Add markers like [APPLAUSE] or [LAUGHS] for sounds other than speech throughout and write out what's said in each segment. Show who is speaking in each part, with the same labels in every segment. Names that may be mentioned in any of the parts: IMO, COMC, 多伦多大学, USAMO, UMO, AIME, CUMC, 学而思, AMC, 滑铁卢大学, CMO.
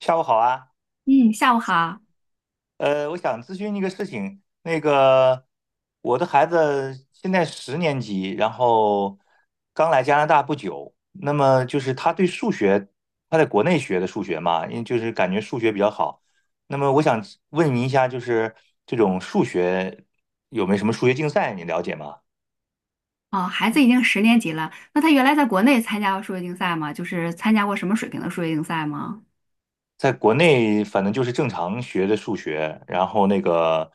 Speaker 1: 下午好啊，
Speaker 2: 嗯，下午好。
Speaker 1: 我想咨询一个事情。那个，我的孩子现在十年级，然后刚来加拿大不久。那么就是他对数学，他在国内学的数学嘛，因为就是感觉数学比较好。那么我想问您一下，就是这种数学有没有什么数学竞赛，你了解吗？
Speaker 2: 哦，孩子已经十年级了，那他原来在国内参加过数学竞赛吗？就是参加过什么水平的数学竞赛吗？
Speaker 1: 在国内反正就是正常学的数学，然后那个，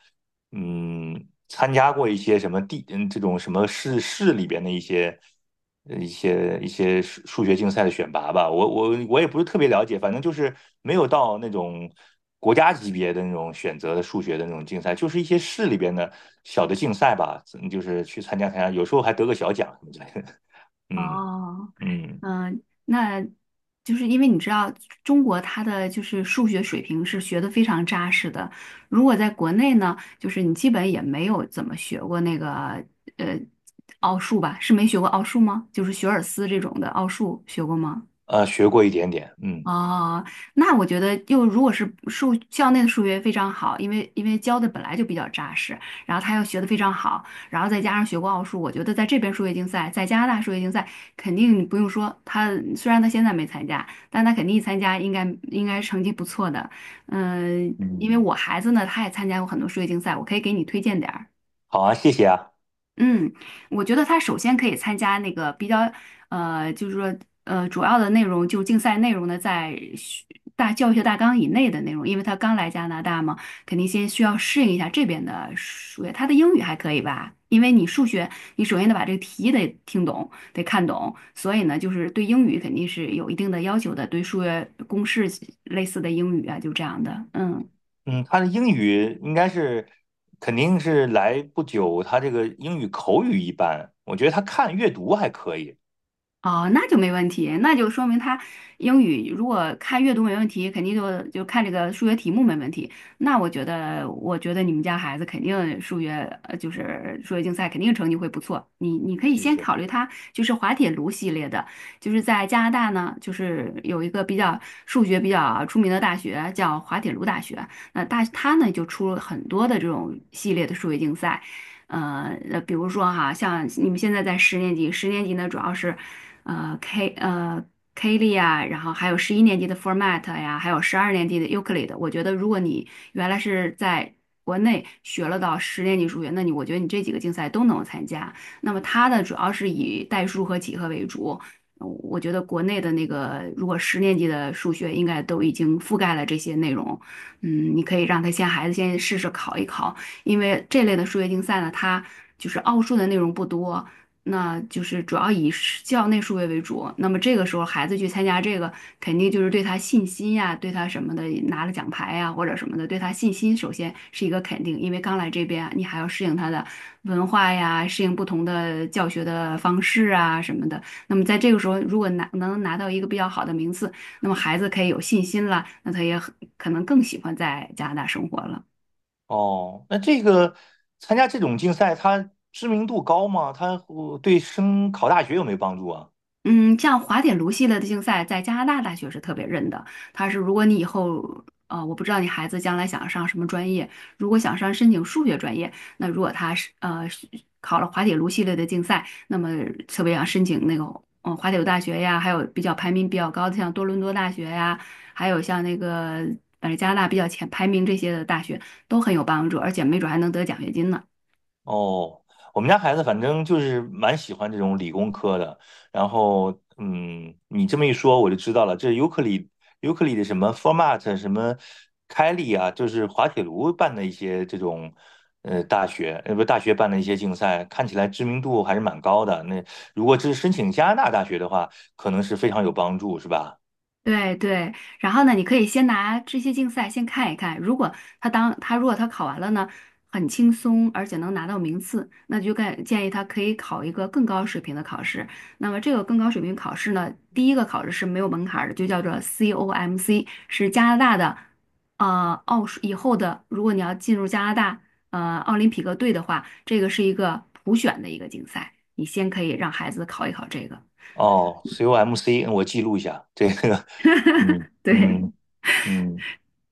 Speaker 1: 参加过一些什么地，这种什么市里边的一些一些数学竞赛的选拔吧。我也不是特别了解，反正就是没有到那种国家级别的那种选择的数学的那种竞赛，就是一些市里边的小的竞赛吧，嗯就是去参加参加，有时候还得个小奖什么之类的。[LAUGHS] 嗯
Speaker 2: 哦，
Speaker 1: 嗯，
Speaker 2: 嗯，那就是因为你知道中国它的就是数学水平是学的非常扎实的，如果在国内呢，就是你基本也没有怎么学过那个呃奥数吧？是没学过奥数吗？就是学尔斯这种的奥数学过吗？
Speaker 1: 学过一点点，嗯
Speaker 2: 哦，那我觉得又如果是校内的数学非常好，因为教的本来就比较扎实，然后他又学的非常好，然后再加上学过奥数，我觉得在这边数学竞赛，在加拿大数学竞赛肯定不用说，虽然他现在没参加，但他肯定一参加应该成绩不错的。嗯、因为
Speaker 1: 嗯，
Speaker 2: 我孩子呢，他也参加过很多数学竞赛，我可以给你推荐点儿。
Speaker 1: 好啊，谢谢啊。
Speaker 2: 嗯，我觉得他首先可以参加那个比较，就是说，主要的内容就竞赛内容呢，在学大教学大纲以内的内容，因为他刚来加拿大嘛，肯定先需要适应一下这边的数学。他的英语还可以吧？因为你数学，你首先得把这个题得听懂，得看懂，所以呢，就是对英语肯定是有一定的要求的，对数学公式类似的英语啊，就这样的，嗯。
Speaker 1: 嗯，他的英语应该是肯定是来不久，他这个英语口语一般，我觉得他看阅读还可以。
Speaker 2: 哦，那就没问题，那就说明他英语如果看阅读没问题，肯定就看这个数学题目没问题。那我觉得你们家孩子肯定数学，就是数学竞赛肯定成绩会不错。你可以
Speaker 1: 谢
Speaker 2: 先
Speaker 1: 谢。
Speaker 2: 考虑他就是滑铁卢系列的，就是在加拿大呢，就是有一个比较数学比较出名的大学叫滑铁卢大学，那他呢就出了很多的这种系列的数学竞赛。比如说哈，像你们现在在十年级，十年级呢主要是，呃 K 呃 K 力啊，然后还有十一年级的 Format 呀，还有十二年级的 Euclid。我觉得如果你原来是在国内学了到十年级数学，那我觉得你这几个竞赛都能参加。那么它呢主要是以代数和几何为主。我觉得国内的那个，如果十年级的数学应该都已经覆盖了这些内容，嗯，你可以让孩子先试试考一考，因为这类的数学竞赛呢，它就是奥数的内容不多，那就是主要以是校内数学为主。那么这个时候孩子去参加这个，肯定就是对他信心呀，对他什么的拿了奖牌呀或者什么的，对他信心首先是一个肯定，因为刚来这边你还要适应他的文化呀，适应不同的教学的方式啊什么的。那么在这个时候，如果能拿到一个比较好的名次，那么孩子可以有信心了，那他也很可能更喜欢在加拿大生活了。
Speaker 1: 哦，那这个参加这种竞赛，他知名度高吗？他对升考大学有没有帮助啊？
Speaker 2: 嗯，像滑铁卢系列的竞赛，在加拿大大学是特别认的。它是如果你以后，我不知道你孩子将来想上什么专业，如果想申请数学专业，那如果他是考了滑铁卢系列的竞赛，那么特别想申请那个滑铁卢大学呀，还有比较排名比较高的像多伦多大学呀，还有像那个反正加拿大比较前排名这些的大学都很有帮助，而且没准还能得奖学金呢。
Speaker 1: 哦，我们家孩子反正就是蛮喜欢这种理工科的。然后，嗯，你这么一说，我就知道了，这尤克里的什么 Format 什么开利啊，就是滑铁卢办的一些这种大学，不大学办的一些竞赛，看起来知名度还是蛮高的。那如果这是申请加拿大大学的话，可能是非常有帮助，是吧？
Speaker 2: 对对，然后呢，你可以先拿这些竞赛先看一看，如果他当他如果他考完了呢，很轻松，而且能拿到名次，那就建议他可以考一个更高水平的考试。那么这个更高水平考试呢，第一个考试是没有门槛儿的，就叫做 COMC，是加拿大的，奥数以后的，如果你要进入加拿大奥林匹克队的话，这个是一个普选的一个竞赛，你先可以让孩子考一考这个，
Speaker 1: 哦，COMC，我记录一下这个，[LAUGHS] 嗯
Speaker 2: [LAUGHS] 对。
Speaker 1: 嗯嗯，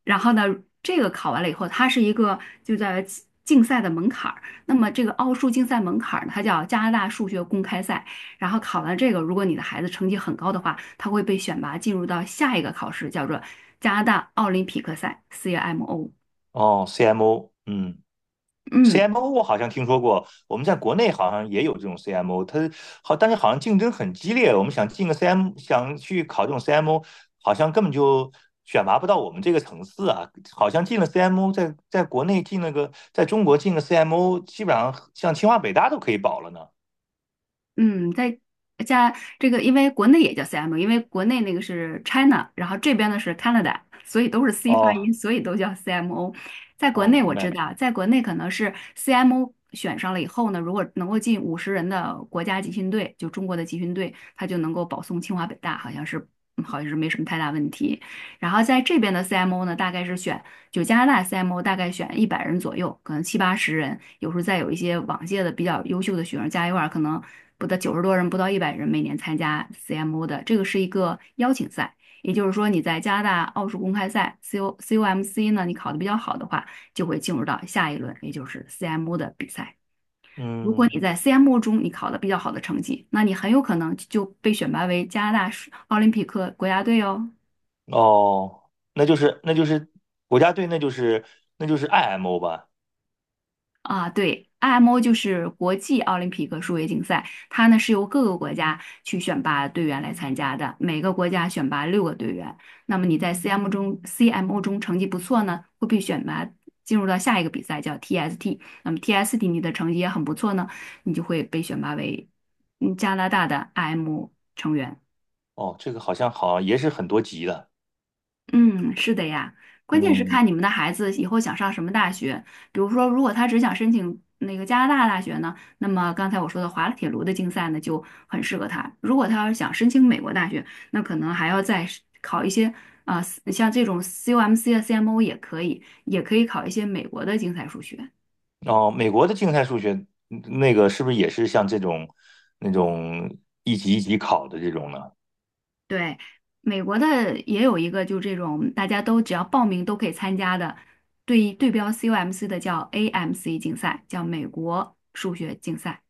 Speaker 2: 然后呢，这个考完了以后，它是一个就在竞赛的门槛儿。那么这个奥数竞赛门槛儿呢，它叫加拿大数学公开赛。然后考完这个，如果你的孩子成绩很高的话，他会被选拔进入到下一个考试，叫做加拿大奥林匹克赛 （CMO）。
Speaker 1: 哦，CMO，嗯。
Speaker 2: 嗯，
Speaker 1: CMO 我好像听说过，我们在国内好像也有这种 CMO，它好，但是好像竞争很激烈。我们想进个 CM，想去考这种 CMO，好像根本就选拔不到我们这个层次啊。好像进了 CMO，在国内进了个，在中国进个 CMO，基本上像清华北大都可以保了呢。
Speaker 2: 嗯，在加这个，因为国内也叫 CMO，因为国内那个是 China，然后这边呢是 Canada，所以都是 C 发
Speaker 1: 哦，
Speaker 2: 音，所以都叫 CMO。在国
Speaker 1: 哦，
Speaker 2: 内我
Speaker 1: 明
Speaker 2: 知
Speaker 1: 白，
Speaker 2: 道，在国内可能是 CMO 选上了以后呢，如果能够进50人的国家集训队，就中国的集训队，他就能够保送清华北大，好像是没什么太大问题。然后在这边的 CMO 呢，大概是选。就加拿大 CMO 大概选一百人左右，可能七八十人，有时候再有一些往届的比较优秀的学生加一块儿，可能不到90多人，不到一百人每年参加 CMO 的，这个是一个邀请赛。也就是说，你在加拿大奥数公开赛 c O m c 呢，你考得比较好的话，就会进入到下一轮，也就是 CMO 的比赛。如果
Speaker 1: 嗯，
Speaker 2: 你在 CMO 中你考得比较好的成绩，那你很有可能就被选拔为加拿大奥林匹克国家队哦。
Speaker 1: 哦，那就是国家队，那就是 IMO 吧。
Speaker 2: 啊，对，IMO 就是国际奥林匹克数学竞赛，它呢是由各个国家去选拔队员来参加的，每个国家选拔6个队员。那么你在 CMO 中成绩不错呢，会被选拔进入到下一个比赛叫 TST。那么 TST 你的成绩也很不错呢，你就会被选拔为加拿大的 IMO 成员。
Speaker 1: 哦，这个好像也是很多级的，
Speaker 2: 嗯，是的呀，关键是
Speaker 1: 嗯。
Speaker 2: 看你们的孩子以后想上什么大学。比如说，如果他只想申请那个加拿大大学呢，那么刚才我说的滑铁卢的竞赛呢就很适合他。如果他要是想申请美国大学，那可能还要再是考一些啊、像这种 CUMC 啊、CMO 也可以，也可以考一些美国的竞赛数学。
Speaker 1: 哦，美国的竞赛数学嗯那个是不是也是像这种那种一级一级考的这种呢？
Speaker 2: 对，美国的也有一个，就这种大家都只要报名都可以参加的，对对标 COMC 的叫 AMC 竞赛，叫美国数学竞赛。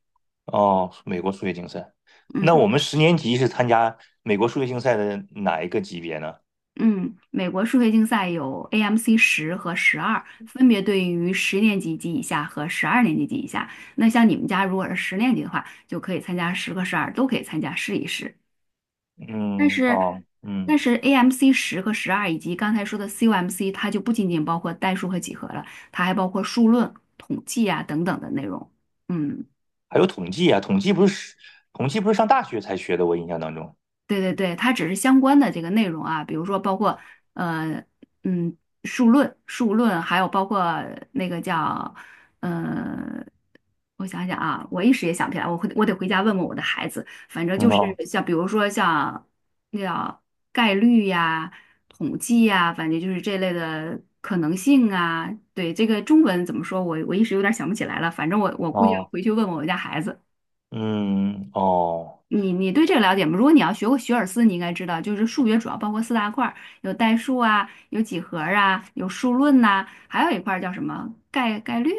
Speaker 1: 哦，美国数学竞赛。那我
Speaker 2: 嗯
Speaker 1: 们十年级是参加美国数学竞赛的哪一个级别呢？
Speaker 2: 嗯，美国数学竞赛有 AMC 十和十二，分别对应于十年级及以下和十二年级及以下。那像你们家如果是十年级的话，就可以参加十和十二，都可以参加试一试。但
Speaker 1: 嗯，
Speaker 2: 是，
Speaker 1: 哦，嗯，
Speaker 2: 但是 AMC 十和十二以及刚才说的 CUMC 它就不仅仅包括代数和几何了，它还包括数论、统计啊等等的内容。嗯。
Speaker 1: 还有统计啊，统计不是上大学才学的，我印象当中。
Speaker 2: 对对对，它只是相关的这个内容啊，比如说包括呃嗯数论，还有包括那个叫呃，我想想啊，我一时也想不起来，我得回家问问我的孩子。反正
Speaker 1: 嗯
Speaker 2: 就是
Speaker 1: 哦
Speaker 2: 像比如说像那叫概率呀、统计呀，反正就是这类的可能性啊。对，这个中文怎么说，我一时有点想不起来了，反正我估计要
Speaker 1: 哦，
Speaker 2: 回去问问我家孩子。
Speaker 1: 嗯哦
Speaker 2: 你对这个了解吗？如果你要学过学而思，你应该知道，就是数学主要包括四大块儿，有代数啊，有几何啊，有数论呐、还有一块儿叫什么概率。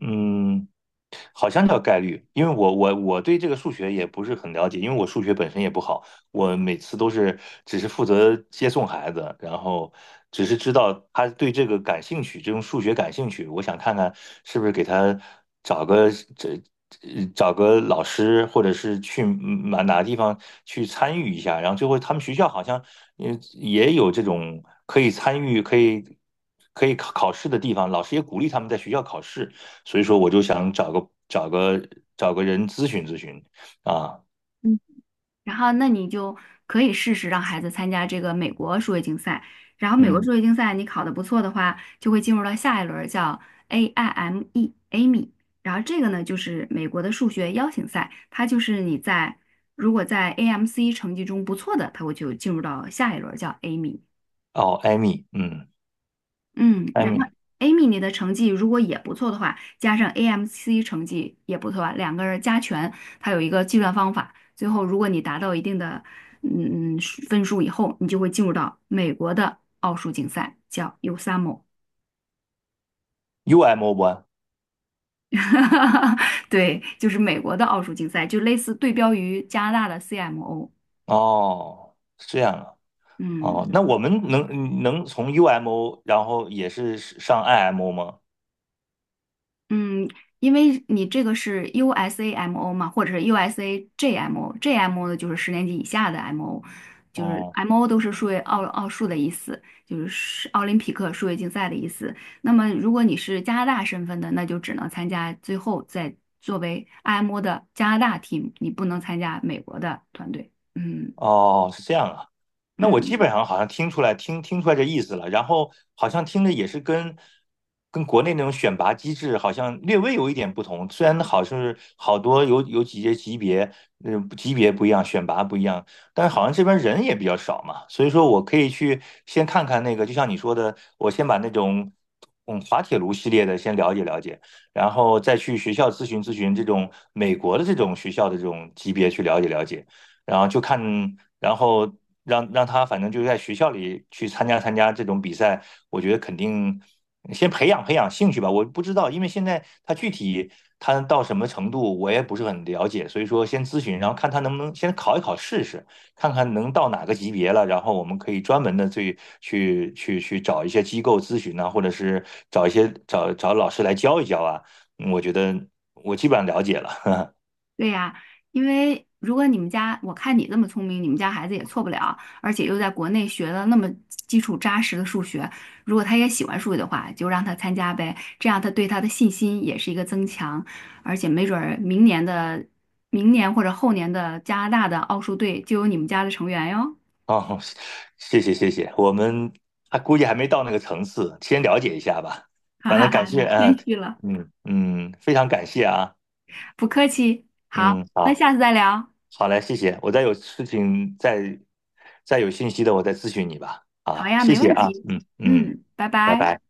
Speaker 1: 嗯。好像叫概率，因为我对这个数学也不是很了解，因为我数学本身也不好，我每次都是只是负责接送孩子，然后只是知道他对这个感兴趣，这种数学感兴趣，我想看看是不是给他找个这找个老师，或者是去哪个地方去参与一下，然后最后他们学校好像也有这种可以参与可以。可以考考试的地方，老师也鼓励他们在学校考试，所以说我就想找个人咨询咨询啊，
Speaker 2: 嗯，然后那你就可以试试让孩子参加这个美国数学竞赛。然后美国
Speaker 1: 嗯，
Speaker 2: 数学竞赛你考的不错的话，就会进入到下一轮儿叫 AIME AIME。然后这个呢就是美国的数学邀请赛，它就是如果在 AMC 成绩中不错的，它会就进入到下一轮儿叫 AIME。
Speaker 1: 哦，艾米，嗯，
Speaker 2: 嗯，
Speaker 1: 艾
Speaker 2: 然后
Speaker 1: 米
Speaker 2: Amy 你的成绩如果也不错的话，加上 AMC 成绩也不错啊，2个人加权，它有一个计算方法。最后，如果你达到一定的嗯嗯数分数以后，你就会进入到美国的奥数竞赛，叫 USAMO。
Speaker 1: ，U M O 不？
Speaker 2: [LAUGHS] 对，就是美国的奥数竞赛，就类似对标于加拿大的 CMO。
Speaker 1: 哦，是这样啊，哦，
Speaker 2: 嗯。
Speaker 1: 那我们能嗯能从 U M O，然后也是上 I M O 吗？
Speaker 2: 嗯，因为你这个是 USAMO 嘛，或者是 USAJMO，JMO 呢就是十年级以下的 MO，就是
Speaker 1: 哦。
Speaker 2: MO 都是数学奥数的意思，就是奥林匹克数学竞赛的意思。那么如果你是加拿大身份的，那就只能参加最后再作为 IMO 的加拿大 team，你不能参加美国的团队。嗯
Speaker 1: 哦，是这样啊。那我基
Speaker 2: 嗯。
Speaker 1: 本上好像听出来，听出来这意思了。然后好像听着也是跟国内那种选拔机制好像略微有一点不同。虽然好像是好多有几些级别，嗯、级别不一样，选拔不一样，但是好像这边人也比较少嘛。所以说我可以去先看看那个，就像你说的，我先把那种嗯滑铁卢系列的先了解了解。然后再去学校咨询咨询这种美国的这种学校的这种级别去了解了解，然后就看，然后让他反正就在学校里去参加参加这种比赛，我觉得肯定先培养培养兴趣吧。我不知道，因为现在他具体他到什么程度，我也不是很了解，所以说先咨询，然后看他能不能先考一考试试，看看能到哪个级别了，然后我们可以专门的去找一些机构咨询啊，或者是找一些找老师来教一教啊。嗯我觉得我基本上了解了。
Speaker 2: 对呀，因为如果你们家，我看你这么聪明，你们家孩子也错不了，而且又在国内学了那么基础扎实的数学，如果他也喜欢数学的话，就让他参加呗，这样他对他的信心也是一个增强，而且没准儿明年或者后年的加拿大的奥数队就有你们家的成员哟，
Speaker 1: 哦，谢谢谢谢，我们还估计还没到那个层次，先了解一下吧。
Speaker 2: [LAUGHS] 哈
Speaker 1: 反
Speaker 2: 哈
Speaker 1: 正感
Speaker 2: 哈，
Speaker 1: 谢，
Speaker 2: 你谦
Speaker 1: 嗯
Speaker 2: 虚了，
Speaker 1: 嗯嗯，非常感谢啊，
Speaker 2: 不客气。好，
Speaker 1: 嗯，
Speaker 2: 那
Speaker 1: 好，
Speaker 2: 下次再聊。
Speaker 1: 好嘞，谢谢。我再有事情再有信息的，我再咨询你吧。
Speaker 2: 好
Speaker 1: 啊，
Speaker 2: 呀，
Speaker 1: 谢
Speaker 2: 没
Speaker 1: 谢
Speaker 2: 问
Speaker 1: 啊，
Speaker 2: 题。
Speaker 1: 嗯嗯，
Speaker 2: 嗯，拜
Speaker 1: 拜
Speaker 2: 拜。
Speaker 1: 拜。